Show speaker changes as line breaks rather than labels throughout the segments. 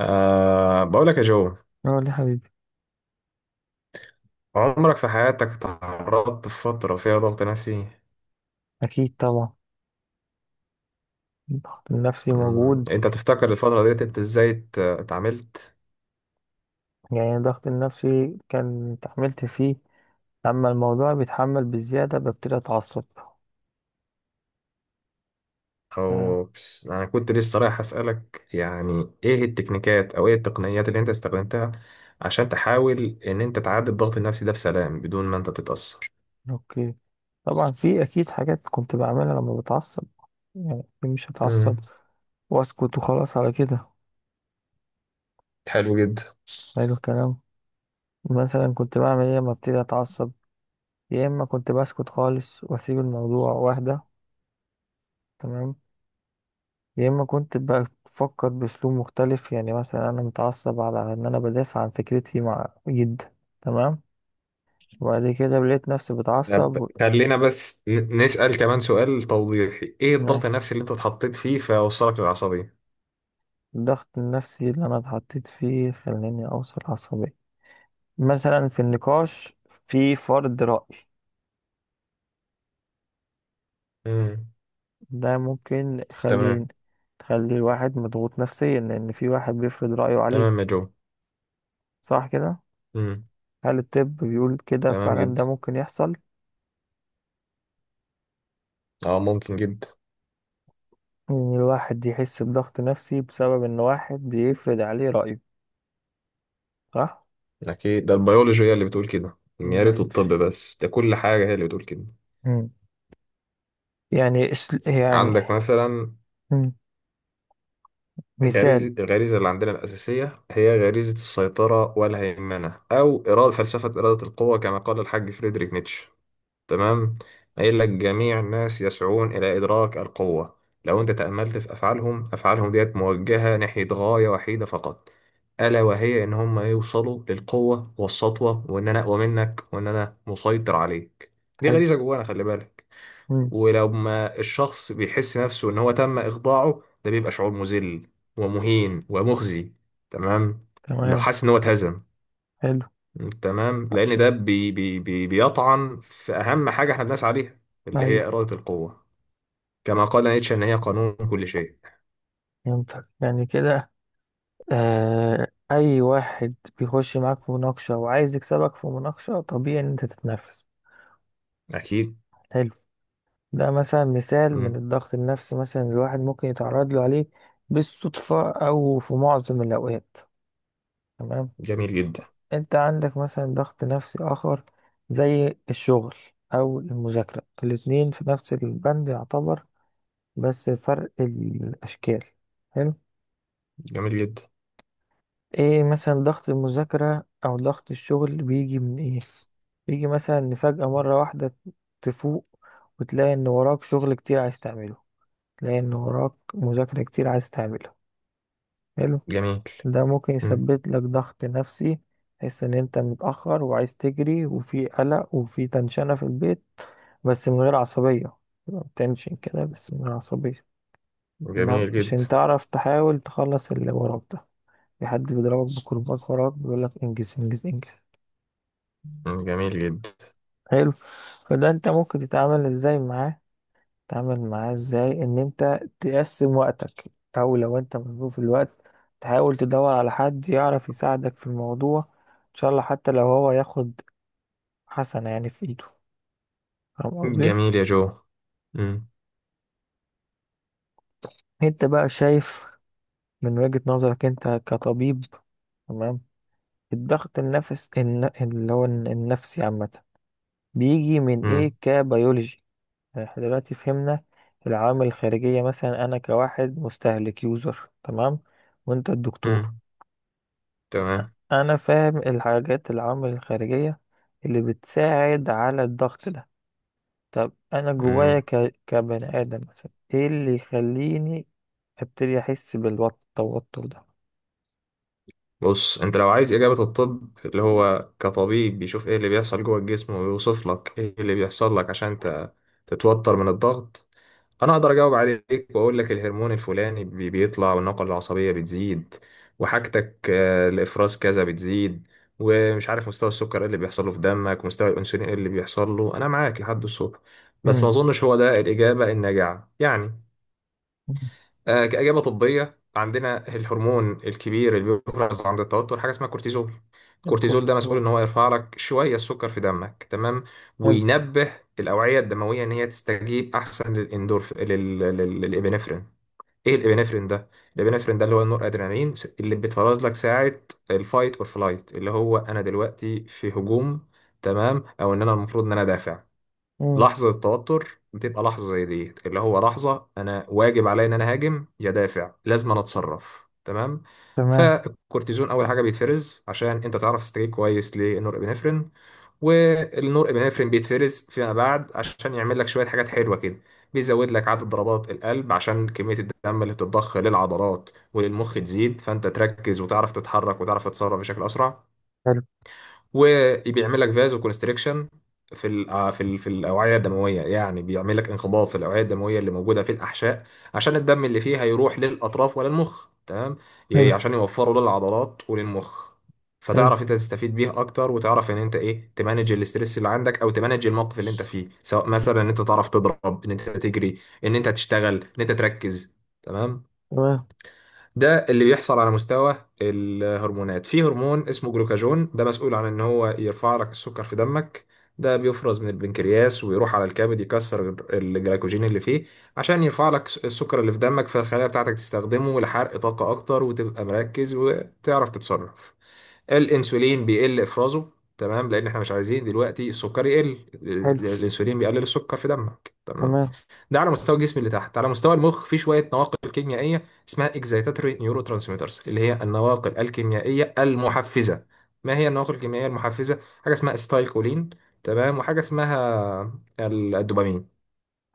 أه بقول لك يا جو،
اه، ليه حبيبي؟
عمرك في حياتك تعرضت في فترة فيها ضغط نفسي؟
اكيد طبعا. الضغط النفسي موجود.
انت تفتكر الفترة ديت انت ازاي اتعاملت؟
يعني الضغط النفسي كان اتحملت فيه، اما الموضوع بيتحمل بزياده ببتدي اتعصب. آه.
انا كنت لسه رايح اسألك يعني ايه التكنيكات او ايه التقنيات اللي انت استخدمتها عشان تحاول ان انت تعدي الضغط النفسي ده بسلام بدون ما انت تتأثر.
اوكي. طبعا في اكيد حاجات كنت بعملها لما بتعصب، يعني مش هتعصب
امم.
واسكت وخلاص على كده.
حلو جدا.
حلو الكلام. مثلا كنت بعمل ايه لما ابتدي اتعصب؟ يا اما كنت بسكت خالص واسيب الموضوع واهدى. تمام. يا اما كنت بقى بفكر باسلوب مختلف، يعني مثلا انا متعصب على ان انا بدافع عن فكرتي مع جدا. تمام. وبعد كده لقيت نفسي بتعصب
طب خلينا بس نسأل كمان سؤال توضيحي، ايه الضغط
ماشي.
النفسي اللي انت اتحطيت فيه فوصلك للعصبية؟
الضغط النفسي اللي انا اتحطيت فيه خلاني اوصل عصبية، مثلا في النقاش، في فرض رأي.
امم.
ده ممكن
تمام.
يخلي، تخلي الواحد مضغوط نفسيا لان في واحد بيفرض رأيه
تمام يا
عليك.
جو.
صح كده؟
امم.
هل الطب بيقول كده
تمام
فعلا؟ ده
جدا.
ممكن يحصل
اه، ممكن جدا.
إن الواحد يحس بضغط نفسي بسبب إن واحد بيفرض عليه رأيه، صح؟
اكيد، ده البيولوجي هي اللي بتقول كده، يا ريت
مبينش.
الطب بس، ده كل حاجه هي اللي بتقول كده.
مم. يعني.
عندك مثلا
مم. مثال.
غريزه، الغريزه اللي عندنا الاساسيه هي غريزه السيطره والهيمنه، او اراده، فلسفه اراده القوه كما قال الحاج فريدريك نيتشه. تمام. قايل لك جميع الناس يسعون إلى إدراك القوة. لو أنت تأملت في أفعالهم، أفعالهم ديت موجهة ناحية غاية وحيدة فقط، ألا وهي إن هم يوصلوا للقوة والسطوة، وإن أنا أقوى منك، وإن أنا مسيطر عليك. دي
حلو.
غريزة جوانا، خلي بالك.
مم.
ولو ما الشخص بيحس نفسه إن هو تم إخضاعه، ده بيبقى شعور مذل ومهين ومخزي. تمام. لو
تمام.
حاسس إن هو اتهزم.
حلو.
تمام، لان
عشان.
ده بي بي بي بيطعن في اهم حاجه احنا بنسعى ليها، اللي هي
أيوه.
اراده القوه، كما قال نيتشه ان هي قانون كل شيء.
فهمتك يعني كده. أي واحد بيخش معاك في مناقشة وعايز يكسبك في مناقشة، طبيعي إن أنت تتنافس.
اكيد.
حلو. ده مثلا مثال من
مم.
الضغط النفسي، مثلا الواحد ممكن يتعرض له عليه بالصدفة أو في معظم الأوقات. تمام.
جميل جدا.
انت عندك مثلا ضغط نفسي اخر زي الشغل او المذاكرة، الاتنين في نفس البند يعتبر، بس فرق الاشكال. حلو.
جميل جدا.
ايه مثلا ضغط المذاكرة او ضغط الشغل بيجي من ايه؟ بيجي مثلا ان فجأة مرة واحدة تفوق وتلاقي ان وراك شغل كتير عايز تعمله، تلاقي ان وراك مذاكرة كتير عايز تعملها. حلو.
جميل.
ده ممكن
مم.
يسبب لك ضغط نفسي. تحس ان انت متأخر وعايز تجري وفي قلق وفي تنشنة في البيت، بس من غير عصبية. تبقى بتنشن كده بس من غير عصبية. تمام.
جميل جدا.
عشان تعرف تحاول تخلص اللي وراك ده، في حد بيضربك بكرباج وراك بيقولك انجز انجز انجز.
مم. جميل جدا.
حلو. فده انت ممكن تتعامل ازاي معاه؟ تعمل معاه ازاي ان انت تقسم وقتك، او لو انت مظلوم في الوقت تحاول تدور على حد يعرف يساعدك في الموضوع، ان شاء الله حتى لو هو ياخد حسنة يعني في ايده. فاهم قصدي؟
جميل يا جو. مم.
انت بقى شايف من وجهة نظرك انت كطبيب، تمام، الضغط اللي هو النفسي عامة بيجي من ايه
مم.
كبيولوجي؟ يعني احنا دلوقتي فهمنا العوامل الخارجية، مثلا انا كواحد مستهلك يوزر تمام وانت الدكتور.
مم. تمام.
انا فاهم الحاجات، العوامل الخارجية اللي بتساعد على الضغط ده. طب انا جوايا
مم.
كبني ادم مثلا ايه اللي يخليني ابتدي احس بالتوتر ده؟
بص، انت لو عايز اجابه الطب، اللي هو كطبيب بيشوف ايه اللي بيحصل جوه الجسم ويوصف لك ايه اللي بيحصل لك عشان تتوتر من الضغط، انا اقدر اجاوب عليك واقول لك الهرمون الفلاني بيطلع والنقله العصبيه بتزيد، وحاجتك الافراز كذا بتزيد، ومش عارف مستوى السكر ايه اللي بيحصل له في دمك، مستوى الانسولين ايه اللي بيحصل له، انا معاك لحد الصبح، بس ما
امم.
اظنش هو ده الاجابه الناجعه يعني. كاجابه طبيه، عندنا الهرمون الكبير اللي بيفرز عند التوتر حاجه اسمها كورتيزون، الكورتيزول ده مسؤول ان
الكورتيزول.
هو يرفع لك شويه السكر في دمك. تمام.
حلو.
وينبه الاوعيه الدمويه ان هي تستجيب احسن للاندورف، للابنفرين. ايه الابنفرين ده؟ الابنفرين ده اللي هو النور ادرينالين، اللي بيتفرز لك ساعه الفايت اور فلايت، اللي هو انا دلوقتي في هجوم. تمام. او ان انا المفروض ان انا دافع.
امم.
لحظة التوتر بتبقى لحظة زي دي، اللي هو لحظة أنا واجب عليا إن أنا هاجم يا دافع، لازم أنا أتصرف. تمام.
تمام.
فالكورتيزون أول حاجة بيتفرز عشان أنت تعرف تستجيب كويس للنورابينفرين، والنور ابنفرين بيتفرز فيما بعد عشان يعمل لك شويه حاجات حلوه كده. بيزود لك عدد ضربات القلب عشان كميه الدم اللي بتتضخ للعضلات وللمخ تزيد، فانت تركز وتعرف تتحرك وتعرف تتصرف بشكل اسرع.
حلو.
وبيعمل لك فازو كونستريكشن في الاوعيه الدمويه، يعني بيعمل لك انقباض في الاوعيه الدمويه اللي موجوده في الاحشاء، عشان الدم اللي فيها يروح للاطراف ولا المخ. تمام.
حلو.
عشان يوفروا للعضلات وللمخ،
حلو.
فتعرف انت تستفيد بيه اكتر، وتعرف ان انت ايه تمانج الاسترس اللي عندك، او تمانج الموقف اللي انت فيه، سواء مثلا ان انت تعرف تضرب، ان انت تجري، ان انت تشتغل، ان انت تركز. تمام.
تمام.
ده اللي بيحصل على مستوى الهرمونات. في هرمون اسمه جلوكاجون، ده مسؤول عن ان هو يرفع لك السكر في دمك، ده بيفرز من البنكرياس ويروح على الكبد يكسر الجلايكوجين اللي فيه، عشان يرفع لك السكر اللي في دمك، فالخلايا بتاعتك تستخدمه لحرق طاقة اكتر، وتبقى مركز وتعرف تتصرف. الانسولين بيقل افرازه. تمام، لان احنا مش عايزين دلوقتي السكر يقل.
حلو.
الانسولين بيقلل السكر في دمك. تمام.
تمام.
ده على مستوى الجسم اللي تحت. على مستوى المخ، في شويه نواقل كيميائيه اسمها اكزايتاتوري نيورو ترانسميترز، اللي هي النواقل الكيميائيه المحفزه. ما هي النواقل الكيميائيه المحفزه؟ حاجه اسمها استايكولين، تمام، وحاجه اسمها الدوبامين.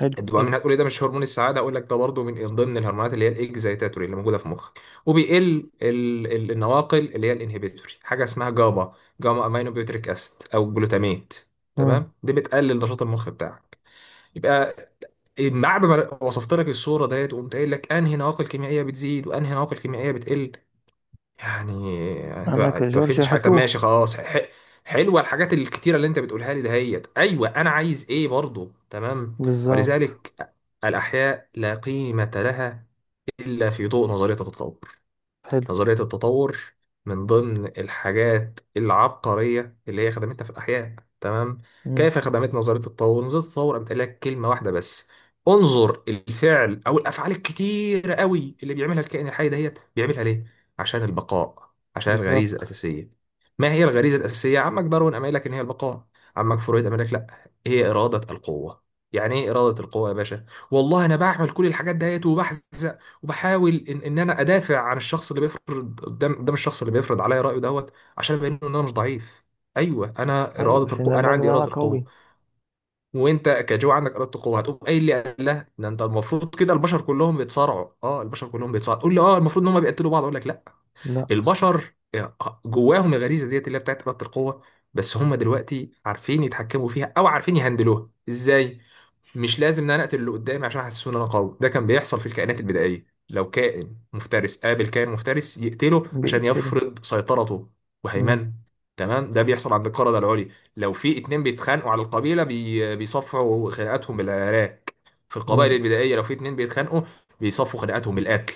حلو. حلو.
الدوبامين هتقول لي ده مش هرمون السعاده؟ اقول لك ده برضه من ضمن الهرمونات اللي هي الاكزايتاتوري اللي موجوده في مخك. وبيقل النواقل اللي هي الانهبيتوري، حاجه اسمها جابا، جاما امينو بيوتريك اسيد، او جلوتاميت.
امم.
تمام، دي بتقلل نشاط المخ بتاعك. يبقى بعد ما وصفت لك الصورة ديت وقمت قايل لك انهي نواقل كيميائية بتزيد وانهي نواقل كيميائية بتقل، يعني انت
انا
ما أنت ما
كجورج
فهمتش حاجة. طب ماشي
هتوه.
خلاص، حلوة الحاجات الكتيرة اللي انت بتقولها لي دهيت، ايوه انا عايز ايه برضو. تمام.
بالظبط.
ولذلك، الاحياء لا قيمة لها الا في ضوء نظرية التطور.
حلو.
نظرية التطور من ضمن الحاجات العبقرية اللي هي خدمتنا في الأحياء. تمام.
امم.
كيف خدمت نظرية التطور؟ نظرية التطور قامت قايلة لك كلمة واحدة بس، انظر الفعل أو الأفعال الكتيرة قوي اللي بيعملها الكائن الحي دهيت، بيعملها ليه؟ عشان البقاء، عشان الغريزة
بالظبط.
الأساسية. ما هي الغريزة الأساسية؟ عمك داروين قام قايل لك إن هي البقاء، عمك فرويد قام قايل لك لا هي إرادة القوة. يعني ايه إرادة القوة يا باشا؟ والله أنا بعمل كل الحاجات دهيت، وبحزن، وبحاول إن انا ادافع عن الشخص اللي بيفرض قدام الشخص اللي بيفرض عليا رايه دوت، عشان ابين له ان انا مش ضعيف. ايوه انا
ايوه
اراده
عشان
القوه، انا
ابان ان
عندي
انا
اراده القوه،
قوي.
وانت كجو عندك اراده القوه. هتقوم قايل لي قال لا، ده انت المفروض كده البشر كلهم بيتصارعوا، البشر كلهم بيتصارعوا، تقول لي اه المفروض ان هم بيقتلوا بعض؟ اقول لك لا،
لا بس.
البشر جواهم الغريزه ديت اللي هي بتاعت اراده القوه، بس هم دلوقتي عارفين يتحكموا فيها او عارفين يهندلوها ازاي. مش لازم ان انا اقتل اللي قدامي عشان احسسه ان انا قوي. ده كان بيحصل في الكائنات البدائيه، لو كائن مفترس قابل كائن مفترس يقتله عشان
بيقتله.
يفرض سيطرته وهيمنه. تمام. ده بيحصل عند القردة العليا، لو في اتنين بيتخانقوا على القبيله بيصفعوا خناقاتهم بالعراك. في القبائل
امم.
البدائيه لو في اتنين بيتخانقوا بيصفوا خناقاتهم بالقتل.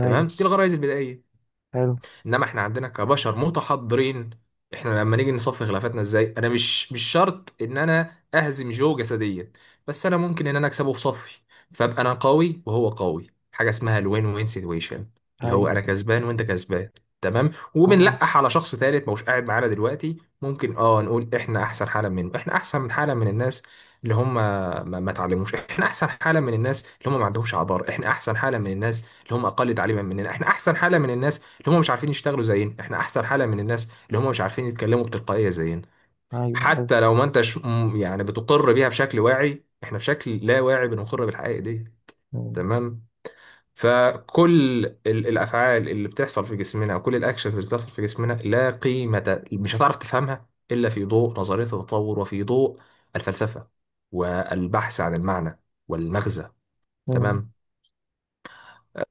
ايوه.
تمام، دي الغرائز البدائيه.
حلو.
انما احنا عندنا كبشر متحضرين، احنا لما نيجي نصفي خلافاتنا ازاي، انا مش شرط ان انا اهزم جو جسديا، بس انا ممكن ان انا اكسبه في صفي، فابقى انا قوي وهو قوي، حاجه اسمها الوين وين سيتويشن، اللي هو انا
ايوه.
كسبان وانت كسبان. تمام.
تمام.
وبنلقح على شخص ثالث مش قاعد معانا دلوقتي، ممكن نقول احنا احسن حالا منه، احنا احسن من حالا من الناس اللي هم ما اتعلموش، احنا احسن حاله من الناس اللي هم ما عندهمش عبار، احنا احسن حاله من الناس اللي هم اقل تعليما مننا، احنا احسن حاله من الناس اللي هم مش عارفين يشتغلوا زينا، احنا احسن حالة من الناس اللي هم مش عارفين يتكلموا بتلقائية زينا.
ايوه ايوه.
حتى لو ما انتش يعني بتقر بيها بشكل واعي، احنا بشكل لا واعي بنقر بالحقائق دي.
مم.
تمام. فكل الافعال اللي بتحصل في جسمنا، وكل الاكشنز اللي بتحصل في جسمنا، لا قيمة مش هتعرف تفهمها الا في ضوء نظرية التطور، وفي ضوء الفلسفة والبحث عن المعنى والمغزى.
مم.
تمام.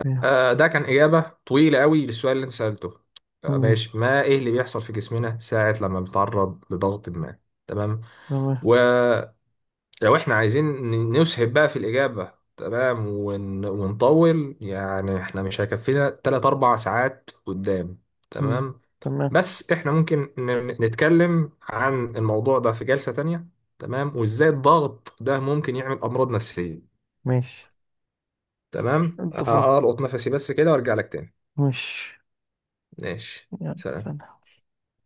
مم.
ده كان إجابة طويلة قوي للسؤال اللي أنت سألته،
مم.
ماشي، ما إيه اللي بيحصل في جسمنا ساعة لما بنتعرض لضغط ما. تمام.
تمام.
ولو إحنا عايزين نسهب بقى في الإجابة، تمام، ونطول، يعني إحنا مش هيكفينا تلات أربع ساعات قدام.
مم.
تمام.
تمام.
بس إحنا ممكن نتكلم عن الموضوع ده في جلسة تانية، تمام، وإزاي الضغط ده ممكن يعمل أمراض نفسية.
ماشي.
تمام.
اتفقنا.
ألقط نفسي بس كده وأرجع لك تاني.
ماشي.
ماشي
يلا سلام.
سلام.